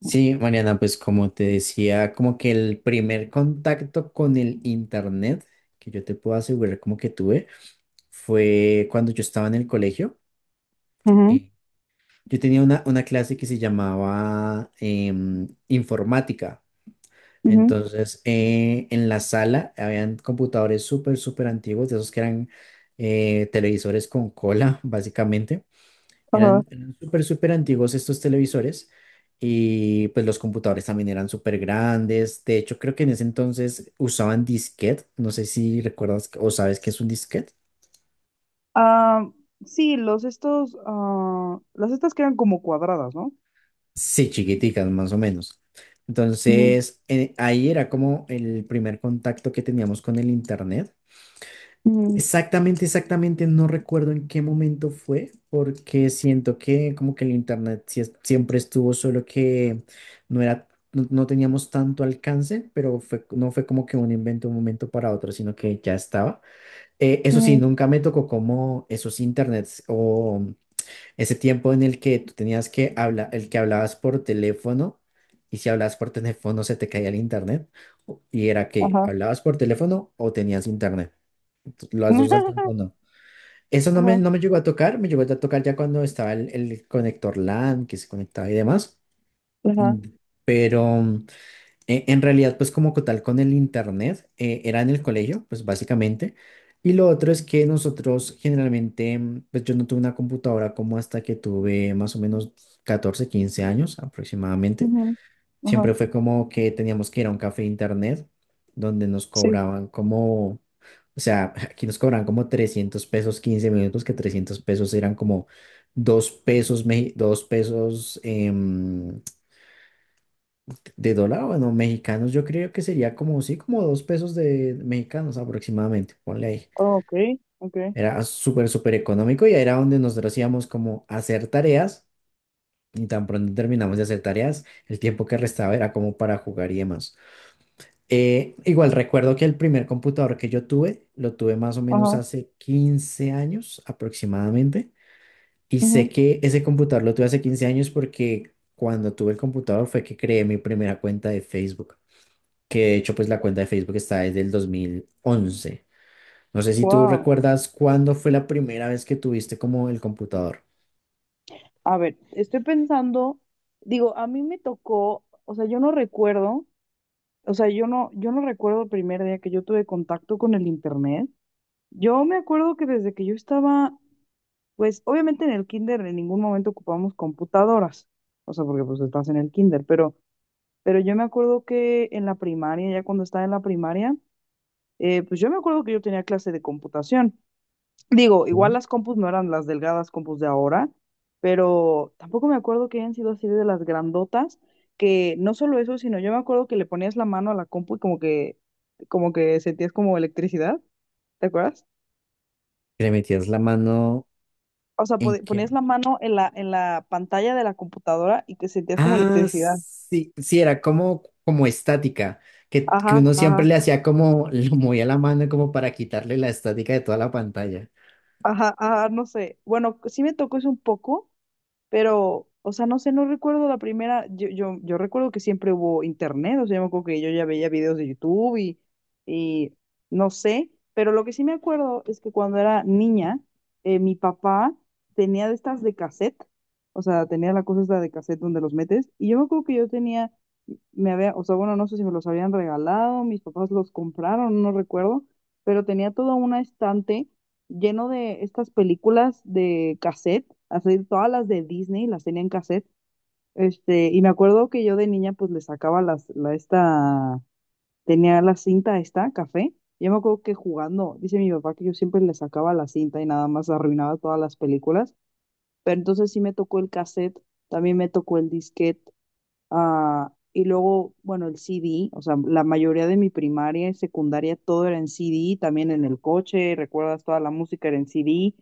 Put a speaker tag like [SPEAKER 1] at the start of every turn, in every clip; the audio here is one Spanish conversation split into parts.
[SPEAKER 1] Sí, Mariana, pues como te decía, como que el primer contacto con el internet que yo te puedo asegurar como que tuve fue cuando yo estaba en el colegio.
[SPEAKER 2] Ujú,
[SPEAKER 1] Eh, yo tenía una clase que se llamaba informática.
[SPEAKER 2] ujú,
[SPEAKER 1] Entonces, en la sala habían computadores súper antiguos, de esos que eran televisores con cola, básicamente.
[SPEAKER 2] ajá.
[SPEAKER 1] Eran súper antiguos estos televisores y pues los computadores también eran súper grandes. De hecho, creo que en ese entonces usaban disquete. No sé si recuerdas o sabes qué es un disquete.
[SPEAKER 2] Ah, sí, los estos, ah, las estas que eran como cuadradas, ¿no?
[SPEAKER 1] Sí, chiquiticas, más o menos.
[SPEAKER 2] Ujú,
[SPEAKER 1] Entonces, ahí era como el primer contacto que teníamos con el internet.
[SPEAKER 2] ujú,
[SPEAKER 1] Exactamente, exactamente, no recuerdo en qué momento fue, porque siento que como que el internet siempre estuvo, solo que no no teníamos tanto alcance, pero no fue como que un invento de un momento para otro, sino que ya estaba. Eso sí,
[SPEAKER 2] ujú,
[SPEAKER 1] nunca me tocó como esos internets o ese tiempo en el que tú tenías que hablar, el que hablabas por teléfono y si hablabas por teléfono se te caía el internet y era que
[SPEAKER 2] ajá.
[SPEAKER 1] hablabas por teléfono o tenías internet. Las dos al tiempo no. Eso
[SPEAKER 2] Ajá,
[SPEAKER 1] no me llegó a tocar, me llegó a tocar ya cuando estaba el conector LAN que se conectaba y demás. Mm,
[SPEAKER 2] ajá,
[SPEAKER 1] Pero mm, en realidad, pues como tal con el internet, era en el colegio, pues básicamente. Y lo otro es que nosotros generalmente, pues yo no tuve una computadora como hasta que tuve más o menos 14 15 años aproximadamente.
[SPEAKER 2] ujú, ajá,
[SPEAKER 1] Siempre fue como que teníamos que ir a un café internet donde nos
[SPEAKER 2] sí,
[SPEAKER 1] cobraban como, o sea, aquí nos cobraban como 300 pesos 15 minutos, que 300 pesos eran como 2 pesos, dos pesos de dólar, bueno, mexicanos, yo creo que sería como, sí, como 2 pesos de mexicanos aproximadamente, ponle ahí.
[SPEAKER 2] ok, ok,
[SPEAKER 1] Era súper económico y era donde nosotros íbamos como a hacer tareas y tan pronto terminamos de hacer tareas, el tiempo que restaba era como para jugar y demás. Igual recuerdo que el primer computador que yo tuve, lo tuve más o menos
[SPEAKER 2] ajá,
[SPEAKER 1] hace 15 años aproximadamente. Y sé que ese computador lo tuve hace 15 años porque cuando tuve el computador fue que creé mi primera cuenta de Facebook. Que de hecho, pues la cuenta de Facebook está desde el dos mil once. No sé si tú
[SPEAKER 2] wow.
[SPEAKER 1] recuerdas cuándo fue la primera vez que tuviste como el computador.
[SPEAKER 2] A ver, estoy pensando, digo, a mí me tocó, o sea, yo no recuerdo, o sea, yo no, yo no recuerdo el primer día que yo tuve contacto con el internet. Yo me acuerdo que desde que yo estaba. Pues obviamente en el kinder en ningún momento ocupamos computadoras, o sea, porque pues estás en el kinder, pero yo me acuerdo que en la primaria, ya cuando estaba en la primaria, pues yo me acuerdo que yo tenía clase de computación. Digo, igual
[SPEAKER 1] Mm.
[SPEAKER 2] las compus no eran las delgadas compus de ahora, pero tampoco me acuerdo que hayan sido así de las grandotas, que no solo eso, sino yo me acuerdo que le ponías la mano a la compu y como que sentías como electricidad, ¿te acuerdas?
[SPEAKER 1] Que le metías la mano
[SPEAKER 2] O sea,
[SPEAKER 1] en qué.
[SPEAKER 2] ponías la mano en la pantalla de la computadora y que sentías como
[SPEAKER 1] Ah,
[SPEAKER 2] electricidad.
[SPEAKER 1] sí, sí, era como, como estática, que
[SPEAKER 2] Ajá,
[SPEAKER 1] uno siempre
[SPEAKER 2] ajá,
[SPEAKER 1] le hacía como, lo movía la mano como para quitarle la estática de toda la pantalla.
[SPEAKER 2] ajá, ajá, no sé. Bueno, sí me tocó eso un poco. Pero, o sea, no sé, no recuerdo la primera, yo recuerdo que siempre hubo internet, o sea, yo me acuerdo que yo ya veía videos de YouTube y no sé, pero lo que sí me acuerdo es que cuando era niña, mi papá tenía de estas de cassette, o sea, tenía la cosa esta de cassette donde los metes, y yo me acuerdo que yo tenía, me había, o sea, bueno, no sé si me los habían regalado, mis papás los compraron, no recuerdo, pero tenía todo un estante lleno de estas películas de cassette, así todas las de Disney las tenía en cassette. Este, y me acuerdo que yo de niña pues le sacaba tenía la cinta esta, café. Yo me acuerdo que jugando, dice mi papá que yo siempre le sacaba la cinta y nada más arruinaba todas las películas. Pero entonces sí me tocó el cassette, también me tocó el disquete. Ah, y luego, bueno, el C D, o sea, la mayoría de mi primaria y secundaria todo era en C D, también en el coche, recuerdas, toda la música era en C D.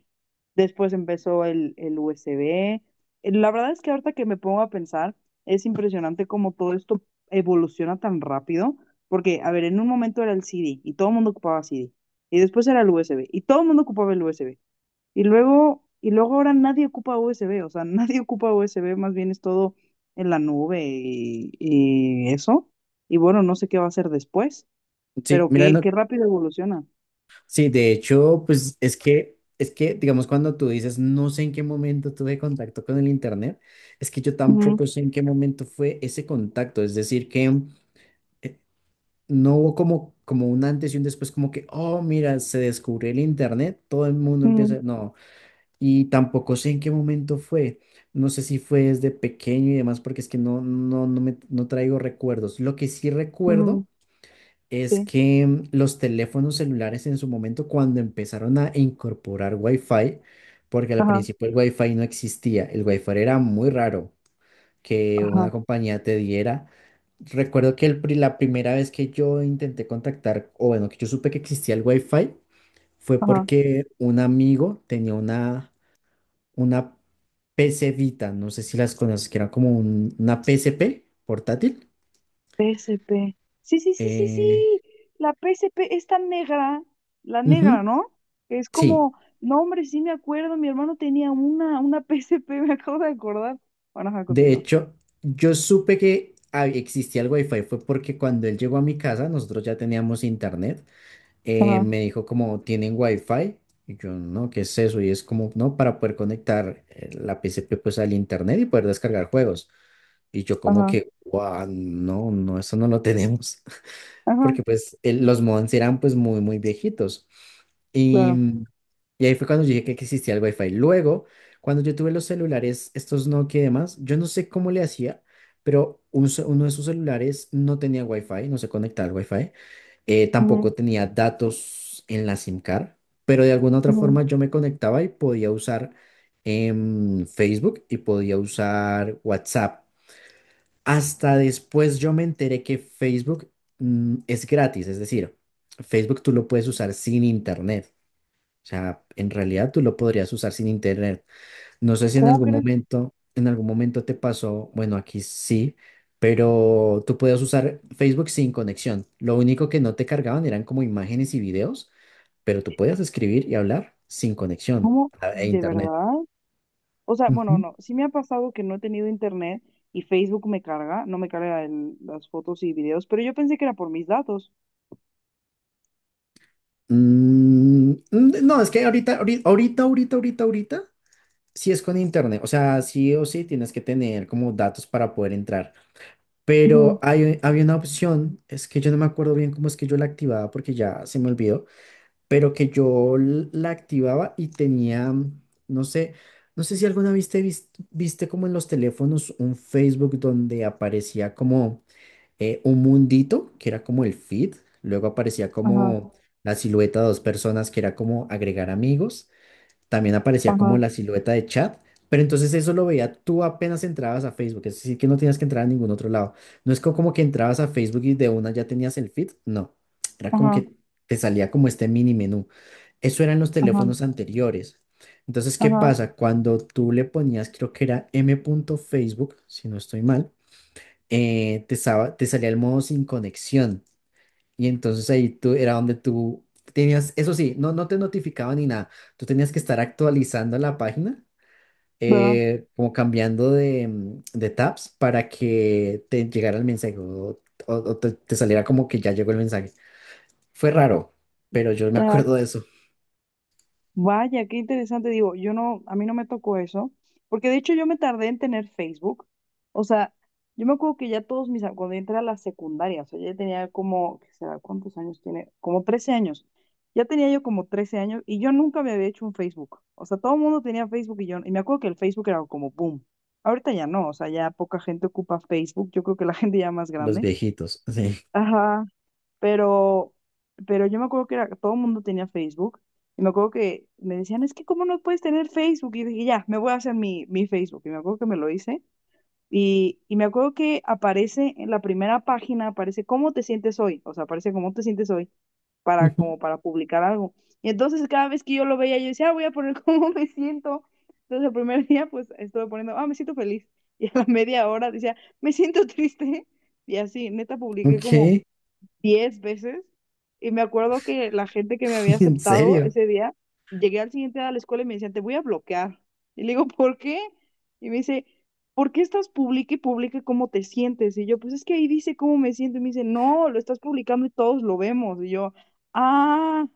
[SPEAKER 2] Después empezó el U USB. La verdad es que ahorita que me pongo a pensar, es impresionante cómo todo esto evoluciona tan rápido, porque, a ver, en un momento era el C D y todo el mundo ocupaba C D, y después era el U S B y todo el mundo ocupaba el U S B, y luego ahora nadie ocupa USB, o sea, nadie ocupa USB, más bien es todo en la nube y eso. Y bueno, no sé qué va a hacer después,
[SPEAKER 1] Sí,
[SPEAKER 2] pero
[SPEAKER 1] mira,
[SPEAKER 2] qué,
[SPEAKER 1] no,
[SPEAKER 2] qué rápido evoluciona.
[SPEAKER 1] sí, de hecho, pues digamos, cuando tú dices, no sé en qué momento tuve contacto con el internet, es que yo
[SPEAKER 2] Ujú,
[SPEAKER 1] tampoco sé en qué momento fue ese contacto, es decir, que eh, no hubo como, como un antes y un después, como que, oh, mira, se descubrió el internet, todo el mundo
[SPEAKER 2] ujú,
[SPEAKER 1] empieza, no. Y tampoco sé en qué momento fue. No sé si fue desde pequeño y demás, porque es que no traigo recuerdos. Lo que sí
[SPEAKER 2] ujú,
[SPEAKER 1] recuerdo es
[SPEAKER 2] sí,
[SPEAKER 1] que los teléfonos celulares en su momento, cuando empezaron a incorporar Wi-Fi, porque al
[SPEAKER 2] ajá,
[SPEAKER 1] principio el Wi-Fi no existía, el Wi-Fi era muy raro que una
[SPEAKER 2] ajá,
[SPEAKER 1] compañía te diera. Recuerdo que la primera vez que yo intenté contactar, o bueno, que yo supe que existía el Wi-Fi, fue
[SPEAKER 2] ajá.
[SPEAKER 1] porque un amigo tenía una PC Vita, no sé si las conoces, que era como una PSP portátil.
[SPEAKER 2] P S P. Sí, sí, sí, sí,
[SPEAKER 1] Eh,
[SPEAKER 2] sí. La P S P es tan negra, la negra,
[SPEAKER 1] ujú,
[SPEAKER 2] ¿no? Que es
[SPEAKER 1] sí,
[SPEAKER 2] como, no, hombre, sí me acuerdo, mi hermano tenía una P S P, me acabo de acordar. Bueno, ajá,
[SPEAKER 1] de
[SPEAKER 2] continúa.
[SPEAKER 1] hecho, yo supe que existía el Wi-Fi fue porque cuando él llegó a mi casa, nosotros ya teníamos internet.
[SPEAKER 2] Ajá,
[SPEAKER 1] Me dijo como, ¿tienen Wi-Fi? Y yo, no, ¿qué es eso? Y es como, no, para poder conectar la PSP pues al internet y poder descargar juegos. Y yo como
[SPEAKER 2] ajá,
[SPEAKER 1] que, wow, no, no, eso no lo tenemos.
[SPEAKER 2] ajá,
[SPEAKER 1] Porque pues los modems eran pues muy, muy viejitos. Y,
[SPEAKER 2] claro.
[SPEAKER 1] y ahí fue cuando yo dije que existía el Wi-Fi. Luego, cuando yo tuve los celulares, estos Nokia y demás, yo no sé cómo le hacía, pero uno de sus celulares no tenía Wi-Fi, no se conectaba al Wi-Fi,
[SPEAKER 2] Ujú,
[SPEAKER 1] tampoco tenía datos en la SIM card, pero de alguna otra
[SPEAKER 2] ujú.
[SPEAKER 1] forma yo me conectaba y podía usar Facebook y podía usar WhatsApp. Hasta después yo me enteré que Facebook es gratis, es decir, Facebook tú lo puedes usar sin internet. O sea, en realidad tú lo podrías usar sin internet. No sé si en
[SPEAKER 2] ¿Cómo
[SPEAKER 1] algún
[SPEAKER 2] crees?
[SPEAKER 1] momento, en algún momento te pasó, bueno, aquí sí, pero tú podías usar Facebook sin conexión. Lo único que no te cargaban eran como imágenes y videos, pero tú podías escribir y hablar sin conexión
[SPEAKER 2] ¿Cómo?
[SPEAKER 1] e
[SPEAKER 2] ¿De
[SPEAKER 1] internet.
[SPEAKER 2] verdad? O sea, bueno,
[SPEAKER 1] Ujú.
[SPEAKER 2] no, sí me ha pasado que no he tenido internet y Facebook me carga, no me carga las fotos y videos, pero yo pensé que era por mis datos.
[SPEAKER 1] Mm, mm, no, es que ahorita, ahorita, ahorita, ahorita, ahorita, ahorita. Si es con internet, o sea, sí o sí tienes que tener como datos para poder entrar.
[SPEAKER 2] Ujú,
[SPEAKER 1] Pero había una opción, es que yo no me acuerdo bien cómo es que yo la activaba porque ya se me olvidó, pero que yo la activaba y tenía, no sé, no sé si alguna viste como en los teléfonos un Facebook donde aparecía como un mundito, que era como el feed, luego aparecía
[SPEAKER 2] ajá,
[SPEAKER 1] como la silueta de dos personas, que era como agregar amigos también aparecía
[SPEAKER 2] ajá,
[SPEAKER 1] como la silueta de chat, pero entonces eso lo veía tú apenas entrabas a Facebook, es decir, que no tenías que entrar a ningún otro lado. No como que entrabas a Facebook y de una ya tenías el feed, no, era como
[SPEAKER 2] ajá,
[SPEAKER 1] que te salía como este mini menú. Eso eran los
[SPEAKER 2] ajá,
[SPEAKER 1] teléfonos anteriores. Entonces, ¿qué
[SPEAKER 2] ajá,
[SPEAKER 1] pasa? Cuando tú le ponías, creo que era m.facebook, si no estoy mal, te salía el modo sin conexión. Y entonces ahí tú era donde tú tenías, eso sí, no te notificaban ni nada. Tú tenías que estar actualizando la página,
[SPEAKER 2] ajá,
[SPEAKER 1] como cambiando de, de tabs para que te llegara el mensaje o te saliera como que ya llegó el mensaje. Fue raro, pero yo me
[SPEAKER 2] ajá.
[SPEAKER 1] acuerdo de eso.
[SPEAKER 2] Vaya, qué interesante. Digo, yo no, a mí no me tocó eso, porque de hecho yo me tardé en tener Facebook. O sea, yo me acuerdo que ya todos cuando yo entré a la secundaria, o sea, ya tenía como, ¿qué será? ¿Cuántos años tiene? Como 13 años. Ya tenía yo como 13 años y yo nunca me había hecho un Facebook. O sea, todo el mundo tenía Facebook y yo, y me acuerdo que el Facebook era como boom. Ahorita ya no, o sea, ya poca gente ocupa Facebook. Yo creo que la gente ya más
[SPEAKER 1] Los
[SPEAKER 2] grande.
[SPEAKER 1] viejitos, sí.
[SPEAKER 2] Ajá. Pero, pero yo me acuerdo que era, todo el mundo tenía Facebook. Y me acuerdo que me decían, es que ¿cómo no puedes tener Facebook? Y dije, ya, me voy a hacer mi Facebook. Y me acuerdo que me lo hice. Y me acuerdo que aparece en la primera página, aparece cómo te sientes hoy. O sea, aparece cómo te sientes hoy para,
[SPEAKER 1] Ujú.
[SPEAKER 2] como para publicar algo. Y entonces cada vez que yo lo veía, yo decía, "Ah, voy a poner cómo me siento." Entonces el primer día, pues estuve poniendo, ah, me siento feliz. Y a la media hora decía, me siento triste. Y así, neta, publiqué como
[SPEAKER 1] Ok,
[SPEAKER 2] 10 veces y me acuerdo que la gente que me había
[SPEAKER 1] en
[SPEAKER 2] aceptado
[SPEAKER 1] serio.
[SPEAKER 2] ese día, llegué al siguiente día a la escuela y me decían, te voy a bloquear. Y le digo, ¿por qué? Y me dice, ¿por qué estás publica y publica cómo te sientes? Y yo, pues es que ahí dice cómo me siento. Y me dice, no, lo estás publicando y todos lo vemos. Y yo, ah,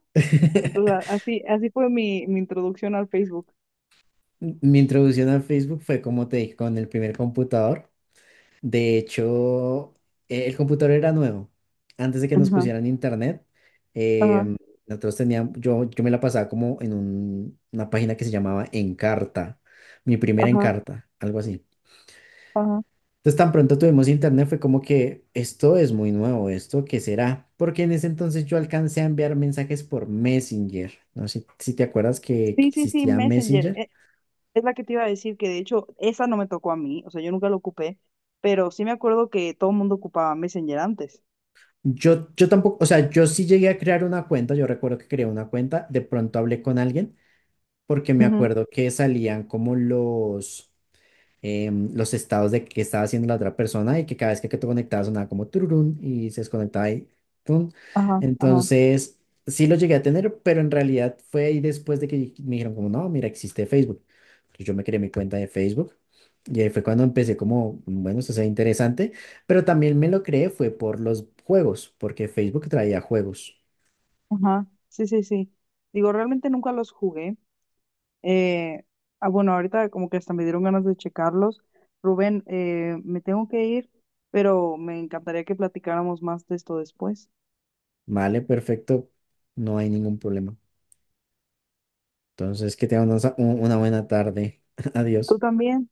[SPEAKER 2] entonces así, así fue mi introducción al Facebook.
[SPEAKER 1] Mi introducción a Facebook fue como te dije, con el primer computador. De hecho, el computador era nuevo. Antes de que nos
[SPEAKER 2] Ajá,
[SPEAKER 1] pusieran internet,
[SPEAKER 2] ajá,
[SPEAKER 1] em, nosotros teníamos, yo me la pasaba como en una página que se llamaba Encarta, mi primera
[SPEAKER 2] ajá,
[SPEAKER 1] Encarta, algo así.
[SPEAKER 2] ajá.
[SPEAKER 1] Entonces, tan pronto tuvimos internet, fue como que esto es muy nuevo, ¿esto qué será? Porque en ese entonces yo alcancé a enviar mensajes por Messenger. No sé si te acuerdas que
[SPEAKER 2] Sí, sí, sí,
[SPEAKER 1] existía
[SPEAKER 2] Messenger.
[SPEAKER 1] Messenger.
[SPEAKER 2] E, es la que te iba a decir que de hecho esa no me tocó a mí, o sea, yo nunca lo ocupé, pero sí me acuerdo que todo el mundo ocupaba Messenger antes.
[SPEAKER 1] Yo tampoco, o sea, yo sí llegué a crear una cuenta, yo recuerdo que creé una cuenta, de pronto hablé con alguien porque me
[SPEAKER 2] Ujú.
[SPEAKER 1] acuerdo que salían como los, los estados de qué estaba haciendo la otra persona y que cada vez que te conectabas sonaba como tururún y se desconectaba y tun.
[SPEAKER 2] Ajá, ajá,
[SPEAKER 1] Entonces, sí lo llegué a tener, pero en realidad fue ahí después de que me dijeron como, no, mira, existe Facebook. Entonces yo me creé mi cuenta de Facebook y ahí fue cuando empecé como, bueno, esto se ve interesante, pero también me lo creé fue por los juegos, porque Facebook traía juegos.
[SPEAKER 2] ajá. Sí, sí, sí. Digo, realmente nunca los jugué. Eh, ah, bueno, ahorita como que hasta me dieron ganas de checarlos. Rubén, me tengo que ir, pero me encantaría que platicáramos más de esto después.
[SPEAKER 1] Vale, perfecto, no hay ningún problema. Entonces, que tengan una buena tarde.
[SPEAKER 2] ¿Tú
[SPEAKER 1] Adiós.
[SPEAKER 2] también?